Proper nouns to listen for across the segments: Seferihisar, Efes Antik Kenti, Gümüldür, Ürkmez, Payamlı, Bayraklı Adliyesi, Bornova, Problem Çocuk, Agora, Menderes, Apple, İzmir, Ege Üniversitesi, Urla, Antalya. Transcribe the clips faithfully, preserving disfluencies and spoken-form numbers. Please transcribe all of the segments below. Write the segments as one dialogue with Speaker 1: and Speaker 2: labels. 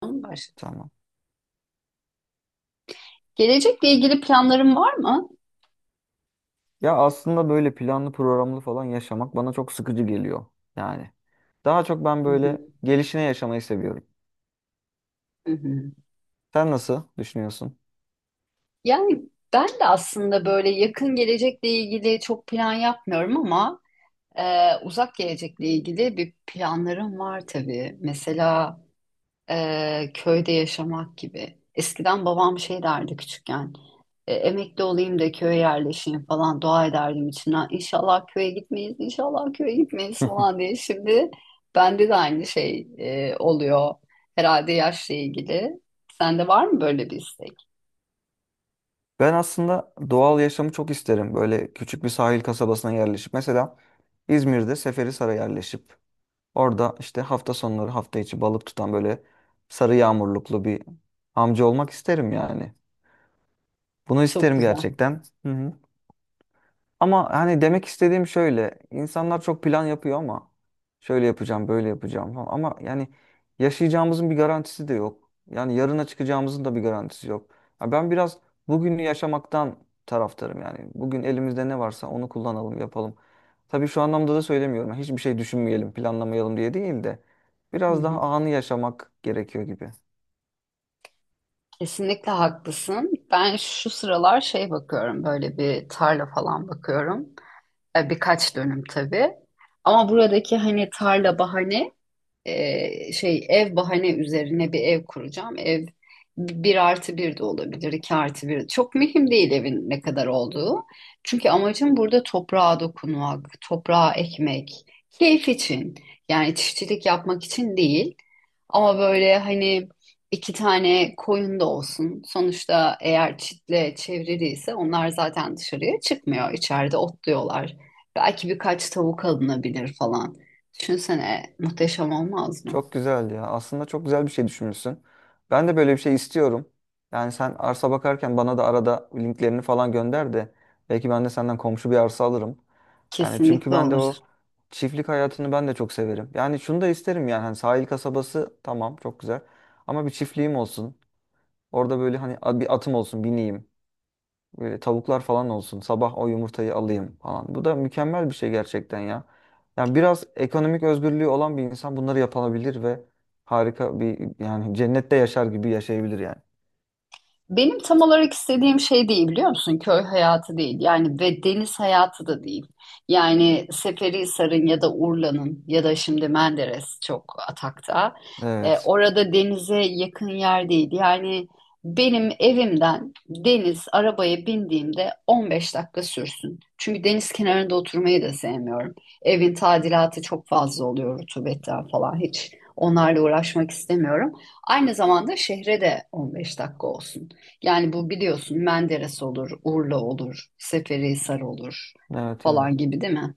Speaker 1: Tamam, başla.
Speaker 2: Tamam.
Speaker 1: Gelecekle ilgili planların var mı?
Speaker 2: Ya aslında böyle planlı programlı falan yaşamak bana çok sıkıcı geliyor. Yani daha çok ben
Speaker 1: Hı
Speaker 2: böyle
Speaker 1: hı,
Speaker 2: gelişine yaşamayı seviyorum.
Speaker 1: hı hı.
Speaker 2: Sen nasıl düşünüyorsun?
Speaker 1: Yani Ben de aslında böyle yakın gelecekle ilgili çok plan yapmıyorum ama e, uzak gelecekle ilgili bir planlarım var tabii. Mesela e, köyde yaşamak gibi. Eskiden babam şey derdi küçükken, e, emekli olayım da köye yerleşeyim falan dua ederdim içimden. İnşallah köye gitmeyiz, inşallah köye gitmeyiz falan diye. Şimdi bende de aynı şey e, oluyor herhalde yaşla ilgili. Sende var mı böyle bir istek?
Speaker 2: Ben aslında doğal yaşamı çok isterim. Böyle küçük bir sahil kasabasına yerleşip. Mesela İzmir'de Seferihisar'a yerleşip. Orada işte hafta sonları hafta içi balık tutan böyle sarı yağmurluklu bir amca olmak isterim yani. Bunu
Speaker 1: Çok
Speaker 2: isterim
Speaker 1: güzel.
Speaker 2: gerçekten. Hı hı. Ama hani demek istediğim şöyle. İnsanlar çok plan yapıyor ama şöyle yapacağım, böyle yapacağım falan. Ama yani yaşayacağımızın bir garantisi de yok. Yani yarına çıkacağımızın da bir garantisi yok. Ya ben biraz bugünü yaşamaktan taraftarım yani. Bugün elimizde ne varsa onu kullanalım, yapalım. Tabii şu anlamda da söylemiyorum. Hiçbir şey düşünmeyelim, planlamayalım diye değil de
Speaker 1: Hı
Speaker 2: biraz
Speaker 1: hı.
Speaker 2: daha anı yaşamak gerekiyor gibi.
Speaker 1: Kesinlikle haklısın. Ben şu sıralar şey bakıyorum, böyle bir tarla falan bakıyorum. E, Birkaç dönüm tabii. Ama buradaki hani tarla bahane e, şey ev bahane üzerine bir ev kuracağım. Ev bir artı bir de olabilir, iki artı bir. Çok mühim değil evin ne kadar olduğu. Çünkü amacım burada toprağa dokunmak, toprağa ekmek, keyif için. Yani çiftçilik yapmak için değil. Ama böyle hani iki tane koyun da olsun. Sonuçta eğer çitle çevriliyse onlar zaten dışarıya çıkmıyor. İçeride otluyorlar. Belki birkaç tavuk alınabilir falan. Düşünsene muhteşem olmaz mı?
Speaker 2: Çok güzel ya. Aslında çok güzel bir şey düşünmüşsün. Ben de böyle bir şey istiyorum. Yani sen arsa bakarken bana da arada linklerini falan gönder de belki ben de senden komşu bir arsa alırım. Yani çünkü
Speaker 1: Kesinlikle
Speaker 2: ben de
Speaker 1: olur.
Speaker 2: o çiftlik hayatını ben de çok severim. Yani şunu da isterim yani hani sahil kasabası tamam çok güzel ama bir çiftliğim olsun. Orada böyle hani a- bir atım olsun bineyim, e, tavuklar falan olsun. Sabah o yumurtayı alayım falan. Bu da mükemmel bir şey gerçekten ya. Yani biraz ekonomik özgürlüğü olan bir insan bunları yapabilir ve harika bir yani cennette yaşar gibi yaşayabilir yani.
Speaker 1: Benim tam olarak istediğim şey değil biliyor musun? Köy hayatı değil yani ve deniz hayatı da değil. Yani Seferihisar'ın ya da Urla'nın ya da şimdi Menderes çok atakta. E,
Speaker 2: Evet.
Speaker 1: orada denize yakın yer değil. Yani benim evimden deniz arabaya bindiğimde on beş dakika sürsün. Çünkü deniz kenarında oturmayı da sevmiyorum. Evin tadilatı çok fazla oluyor rutubetten falan hiç. Onlarla uğraşmak istemiyorum. Aynı zamanda şehre de on beş dakika olsun. Yani bu biliyorsun Menderes olur, Urla olur, Seferihisar olur
Speaker 2: Evet,
Speaker 1: falan
Speaker 2: evet.
Speaker 1: gibi değil mi?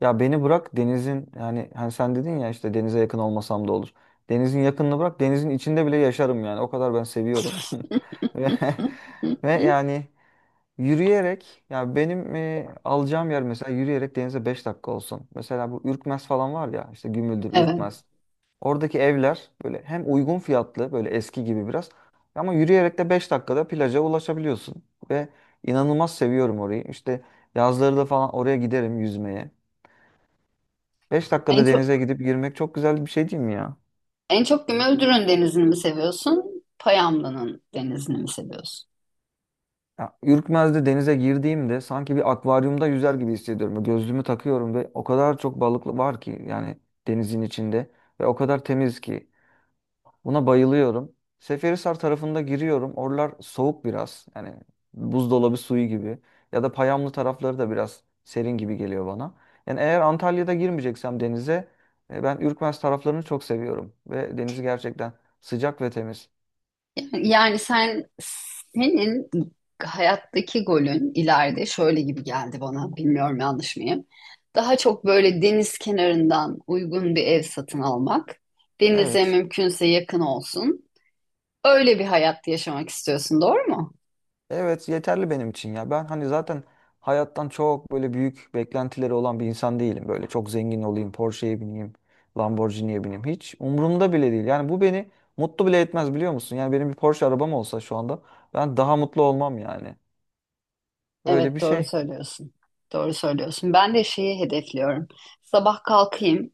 Speaker 2: Ya beni bırak denizin yani hani sen dedin ya işte denize yakın olmasam da olur. Denizin yakınını bırak denizin içinde bile yaşarım yani. O kadar ben seviyorum. Ve,
Speaker 1: Hı, hı,
Speaker 2: ve
Speaker 1: hı.
Speaker 2: yani yürüyerek ya benim e, alacağım yer mesela yürüyerek denize beş dakika olsun. Mesela bu Ürkmez falan var ya işte Gümüldür,
Speaker 1: Evet.
Speaker 2: Ürkmez. Oradaki evler böyle hem uygun fiyatlı böyle eski gibi biraz ama yürüyerek de beş dakikada plaja ulaşabiliyorsun. Ve inanılmaz seviyorum orayı. İşte yazları da falan oraya giderim yüzmeye. beş
Speaker 1: En
Speaker 2: dakikada denize
Speaker 1: çok
Speaker 2: gidip girmek çok güzel bir şey değil mi ya?
Speaker 1: en çok Gümüldür'ün denizini mi seviyorsun? Payamlı'nın denizini mi seviyorsun?
Speaker 2: Ya, Ürkmez'de denize girdiğimde sanki bir akvaryumda yüzer gibi hissediyorum. Gözlüğümü takıyorum ve o kadar çok balık var ki yani denizin içinde ve o kadar temiz ki buna bayılıyorum. Seferihisar tarafında giriyorum. Oralar soğuk biraz. Yani buzdolabı suyu gibi ya da Payamlı tarafları da biraz serin gibi geliyor bana. Yani eğer Antalya'da girmeyeceksem denize e, ben Ürkmez taraflarını çok seviyorum ve denizi gerçekten sıcak ve temiz.
Speaker 1: Yani, yani sen senin hayattaki golün ileride şöyle gibi geldi bana. Bilmiyorum yanlış mıyım? Daha çok böyle deniz kenarından uygun bir ev satın almak. Denize
Speaker 2: Evet.
Speaker 1: mümkünse yakın olsun. Öyle bir hayat yaşamak istiyorsun, doğru mu?
Speaker 2: Evet, yeterli benim için ya. Ben hani zaten hayattan çok böyle büyük beklentileri olan bir insan değilim. Böyle çok zengin olayım, Porsche'ye bineyim, Lamborghini'ye bineyim. Hiç umurumda bile değil. Yani bu beni mutlu bile etmez biliyor musun? Yani benim bir Porsche arabam olsa şu anda ben daha mutlu olmam yani. Öyle
Speaker 1: Evet
Speaker 2: bir
Speaker 1: doğru
Speaker 2: şey.
Speaker 1: söylüyorsun. Doğru söylüyorsun. Ben de şeyi hedefliyorum. Sabah kalkayım.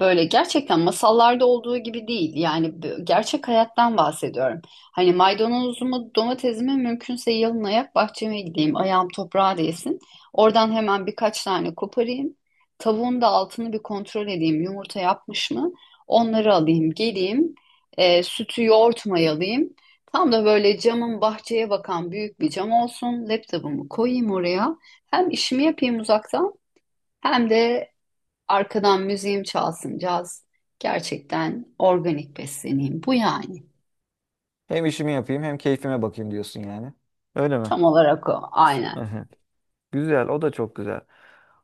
Speaker 1: Böyle gerçekten masallarda olduğu gibi değil. Yani b- gerçek hayattan bahsediyorum. Hani maydanozumu, domatesimi mümkünse yalın ayak bahçeme gideyim. Ayağım toprağa değsin. Oradan hemen birkaç tane koparayım. Tavuğun da altını bir kontrol edeyim. Yumurta yapmış mı? Onları alayım, geleyim. E, sütü, yoğurt mayalayayım. Tam da böyle camın bahçeye bakan büyük bir cam olsun. Laptopumu koyayım oraya. Hem işimi yapayım uzaktan hem de arkadan müziğim çalsın caz. Gerçekten organik besleneyim. Bu yani.
Speaker 2: Hem işimi yapayım hem keyfime bakayım diyorsun yani. Öyle mi?
Speaker 1: Tam olarak o. Aynen.
Speaker 2: Evet. Güzel, o da çok güzel.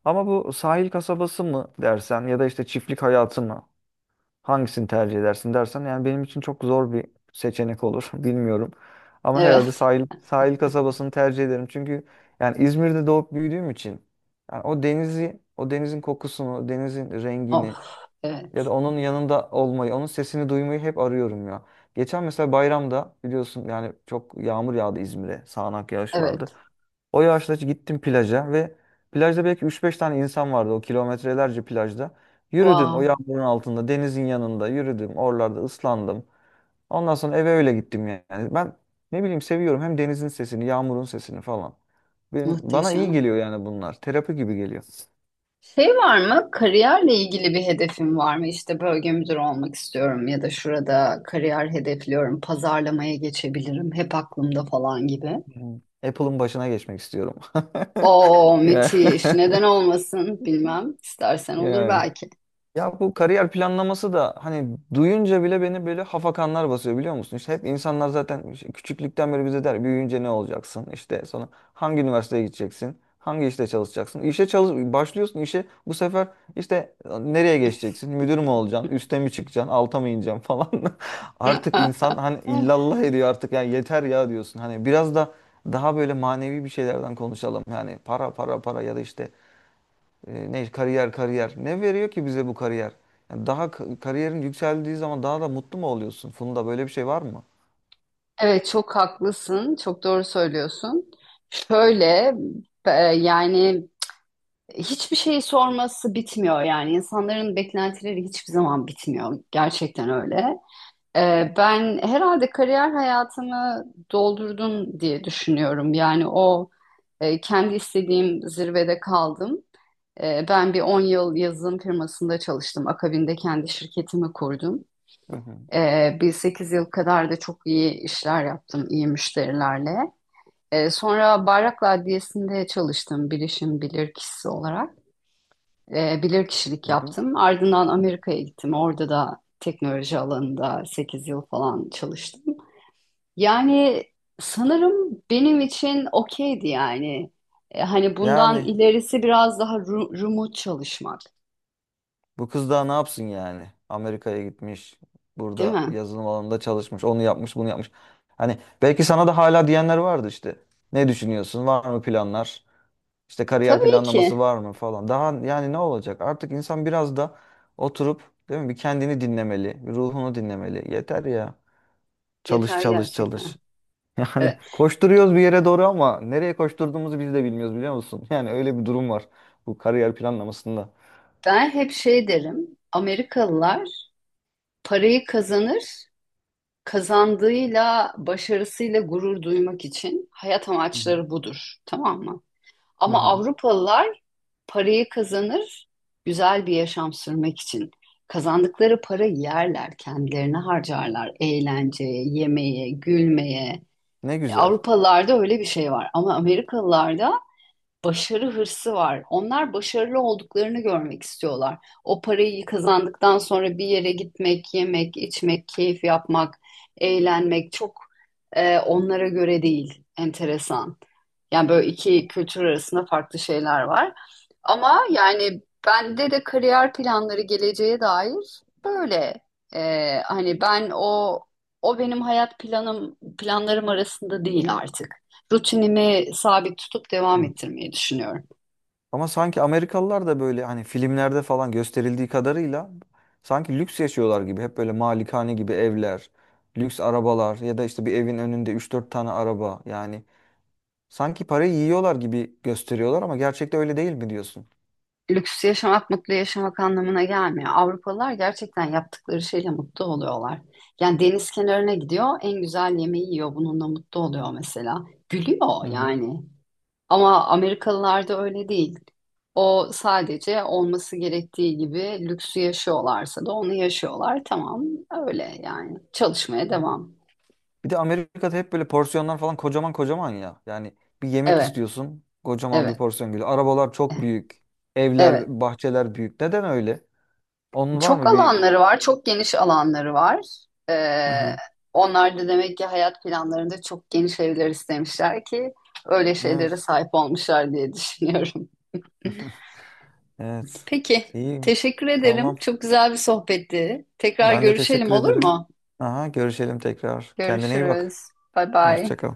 Speaker 2: Ama bu sahil kasabası mı dersen ya da işte çiftlik hayatı mı? Hangisini tercih edersin dersen yani benim için çok zor bir seçenek olur. Bilmiyorum. Ama herhalde
Speaker 1: Evet.
Speaker 2: sahil sahil kasabasını tercih ederim. Çünkü yani İzmir'de doğup büyüdüğüm için yani o denizi, o denizin kokusunu, denizin rengini
Speaker 1: Of.
Speaker 2: ya da
Speaker 1: Evet.
Speaker 2: onun yanında olmayı, onun sesini duymayı hep arıyorum ya. Geçen mesela bayramda biliyorsun yani çok yağmur yağdı İzmir'e. Sağanak yağış vardı.
Speaker 1: Evet.
Speaker 2: O yaşta gittim plaja ve plajda belki üç beş tane insan vardı o kilometrelerce plajda. Yürüdüm o
Speaker 1: Wow.
Speaker 2: yağmurun altında, denizin yanında yürüdüm. Oralarda ıslandım. Ondan sonra eve öyle gittim yani. Ben ne bileyim seviyorum hem denizin sesini, yağmurun sesini falan. Benim, bana iyi
Speaker 1: Muhteşem.
Speaker 2: geliyor yani bunlar. Terapi gibi geliyor.
Speaker 1: Şey var mı? Kariyerle ilgili bir hedefin var mı? İşte bölge müdürü olmak istiyorum ya da şurada kariyer hedefliyorum, pazarlamaya geçebilirim, hep aklımda falan gibi.
Speaker 2: Hmm. Apple'ın başına geçmek istiyorum.
Speaker 1: Oo
Speaker 2: Yani.
Speaker 1: müthiş. Neden olmasın bilmem. İstersen olur
Speaker 2: Yani.
Speaker 1: belki.
Speaker 2: Ya bu kariyer planlaması da hani duyunca bile beni böyle hafakanlar basıyor biliyor musun? İşte hep insanlar zaten işte küçüklükten beri bize der büyüyünce ne olacaksın? İşte sonra hangi üniversiteye gideceksin? Hangi işte çalışacaksın? İşe çalış başlıyorsun işe bu sefer işte nereye geçeceksin? Müdür mü olacaksın? Üste mi çıkacaksın? Alta mı ineceksin falan. Artık insan hani illallah ediyor artık ya yeter ya diyorsun. Hani biraz da daha böyle manevi bir şeylerden konuşalım. Yani para para para ya da işte e, ne kariyer kariyer. Ne veriyor ki bize bu kariyer? Yani daha k- kariyerin yükseldiği zaman daha da mutlu mu oluyorsun? Funda böyle bir şey var mı?
Speaker 1: Evet çok haklısın. Çok doğru söylüyorsun. Şöyle e, yani hiçbir şeyi sorması bitmiyor yani. İnsanların beklentileri hiçbir zaman bitmiyor. Gerçekten öyle. E, ben herhalde kariyer hayatımı doldurdum diye düşünüyorum. Yani o e, kendi istediğim zirvede kaldım. Ee, ben bir on yıl yazılım firmasında çalıştım. Akabinde kendi şirketimi kurdum.
Speaker 2: Hı hı.
Speaker 1: Ee, bir sekiz yıl kadar da çok iyi işler yaptım, iyi müşterilerle. Ee, sonra Bayraklı Adliyesi'nde çalıştım bilişim bilirkişisi olarak. Ee, bilirkişilik
Speaker 2: Hı hı.
Speaker 1: yaptım. Ardından Amerika'ya gittim. Orada da teknoloji alanında sekiz yıl falan çalıştım. Yani sanırım benim için okeydi yani. Ee, hani bundan
Speaker 2: Yani
Speaker 1: ilerisi biraz daha ru- remote çalışmak,
Speaker 2: bu kız daha ne yapsın yani? Amerika'ya gitmiş.
Speaker 1: değil
Speaker 2: Burada
Speaker 1: mi?
Speaker 2: yazılım alanında çalışmış. Onu yapmış, bunu yapmış. Hani belki sana da hala diyenler vardı işte. Ne düşünüyorsun? Var mı planlar? İşte kariyer
Speaker 1: Tabii ki
Speaker 2: planlaması var mı falan. Daha yani ne olacak? Artık insan biraz da oturup değil mi? Bir kendini dinlemeli, bir ruhunu dinlemeli. Yeter ya. Çalış,
Speaker 1: yeter
Speaker 2: çalış,
Speaker 1: gerçekten.
Speaker 2: çalış. Yani
Speaker 1: Evet.
Speaker 2: koşturuyoruz bir yere doğru ama nereye koşturduğumuzu biz de bilmiyoruz biliyor musun? Yani öyle bir durum var bu kariyer planlamasında.
Speaker 1: Ben hep şey derim. Amerikalılar parayı kazanır, kazandığıyla, başarısıyla gurur duymak için hayat
Speaker 2: Hı hı.
Speaker 1: amaçları budur, tamam mı?
Speaker 2: Hı
Speaker 1: Ama
Speaker 2: hı.
Speaker 1: Avrupalılar parayı kazanır, güzel bir yaşam sürmek için. Kazandıkları para yerler, kendilerine harcarlar, eğlenceye, yemeğe, gülmeye.
Speaker 2: Ne
Speaker 1: E,
Speaker 2: güzel.
Speaker 1: Avrupalılarda öyle bir şey var ama Amerikalılarda başarı hırsı var. Onlar başarılı olduklarını görmek istiyorlar. O parayı kazandıktan sonra bir yere gitmek, yemek, içmek, keyif yapmak, eğlenmek çok e, onlara göre değil. Enteresan. Yani böyle iki kültür arasında farklı şeyler var. Ama yani bende de kariyer planları geleceğe dair böyle. E, hani ben o o benim hayat planım planlarım arasında değil artık rutinimi sabit tutup devam
Speaker 2: Evet.
Speaker 1: ettirmeyi düşünüyorum.
Speaker 2: Ama sanki Amerikalılar da böyle hani filmlerde falan gösterildiği kadarıyla sanki lüks yaşıyorlar gibi. Hep böyle malikane gibi evler, lüks arabalar ya da işte bir evin önünde üç dört tane araba. Yani sanki parayı yiyorlar gibi gösteriyorlar ama gerçekte öyle değil mi diyorsun?
Speaker 1: Lüks yaşamak mutlu yaşamak anlamına gelmiyor. Avrupalılar gerçekten yaptıkları şeyle mutlu oluyorlar. Yani deniz kenarına gidiyor, en güzel yemeği yiyor, bununla mutlu oluyor mesela. Gülüyor
Speaker 2: Hı
Speaker 1: yani. Ama Amerikalılarda öyle değil. O sadece olması gerektiği gibi lüksü yaşıyorlarsa da onu yaşıyorlar. Tamam, öyle yani. Çalışmaya
Speaker 2: hı.
Speaker 1: devam.
Speaker 2: Bir de Amerika'da hep böyle porsiyonlar falan kocaman kocaman ya. Yani bir yemek
Speaker 1: Evet,
Speaker 2: istiyorsun, kocaman bir
Speaker 1: evet,
Speaker 2: porsiyon geliyor. Arabalar çok büyük,
Speaker 1: evet.
Speaker 2: evler, bahçeler büyük. Neden öyle? Onun var
Speaker 1: Çok
Speaker 2: mı bir...
Speaker 1: alanları var, çok geniş alanları var.
Speaker 2: Hı
Speaker 1: Ee,
Speaker 2: hı.
Speaker 1: Onlar da demek ki hayat planlarında çok geniş evler istemişler ki öyle şeylere
Speaker 2: Evet.
Speaker 1: sahip olmuşlar diye düşünüyorum.
Speaker 2: Evet.
Speaker 1: Peki,
Speaker 2: İyi.
Speaker 1: teşekkür ederim.
Speaker 2: Tamam.
Speaker 1: Çok güzel bir sohbetti. Tekrar
Speaker 2: Ben de
Speaker 1: görüşelim
Speaker 2: teşekkür
Speaker 1: olur
Speaker 2: ederim.
Speaker 1: mu?
Speaker 2: Aha, görüşelim tekrar. Kendine iyi bak.
Speaker 1: Görüşürüz. Bay bay.
Speaker 2: Hoşça kal.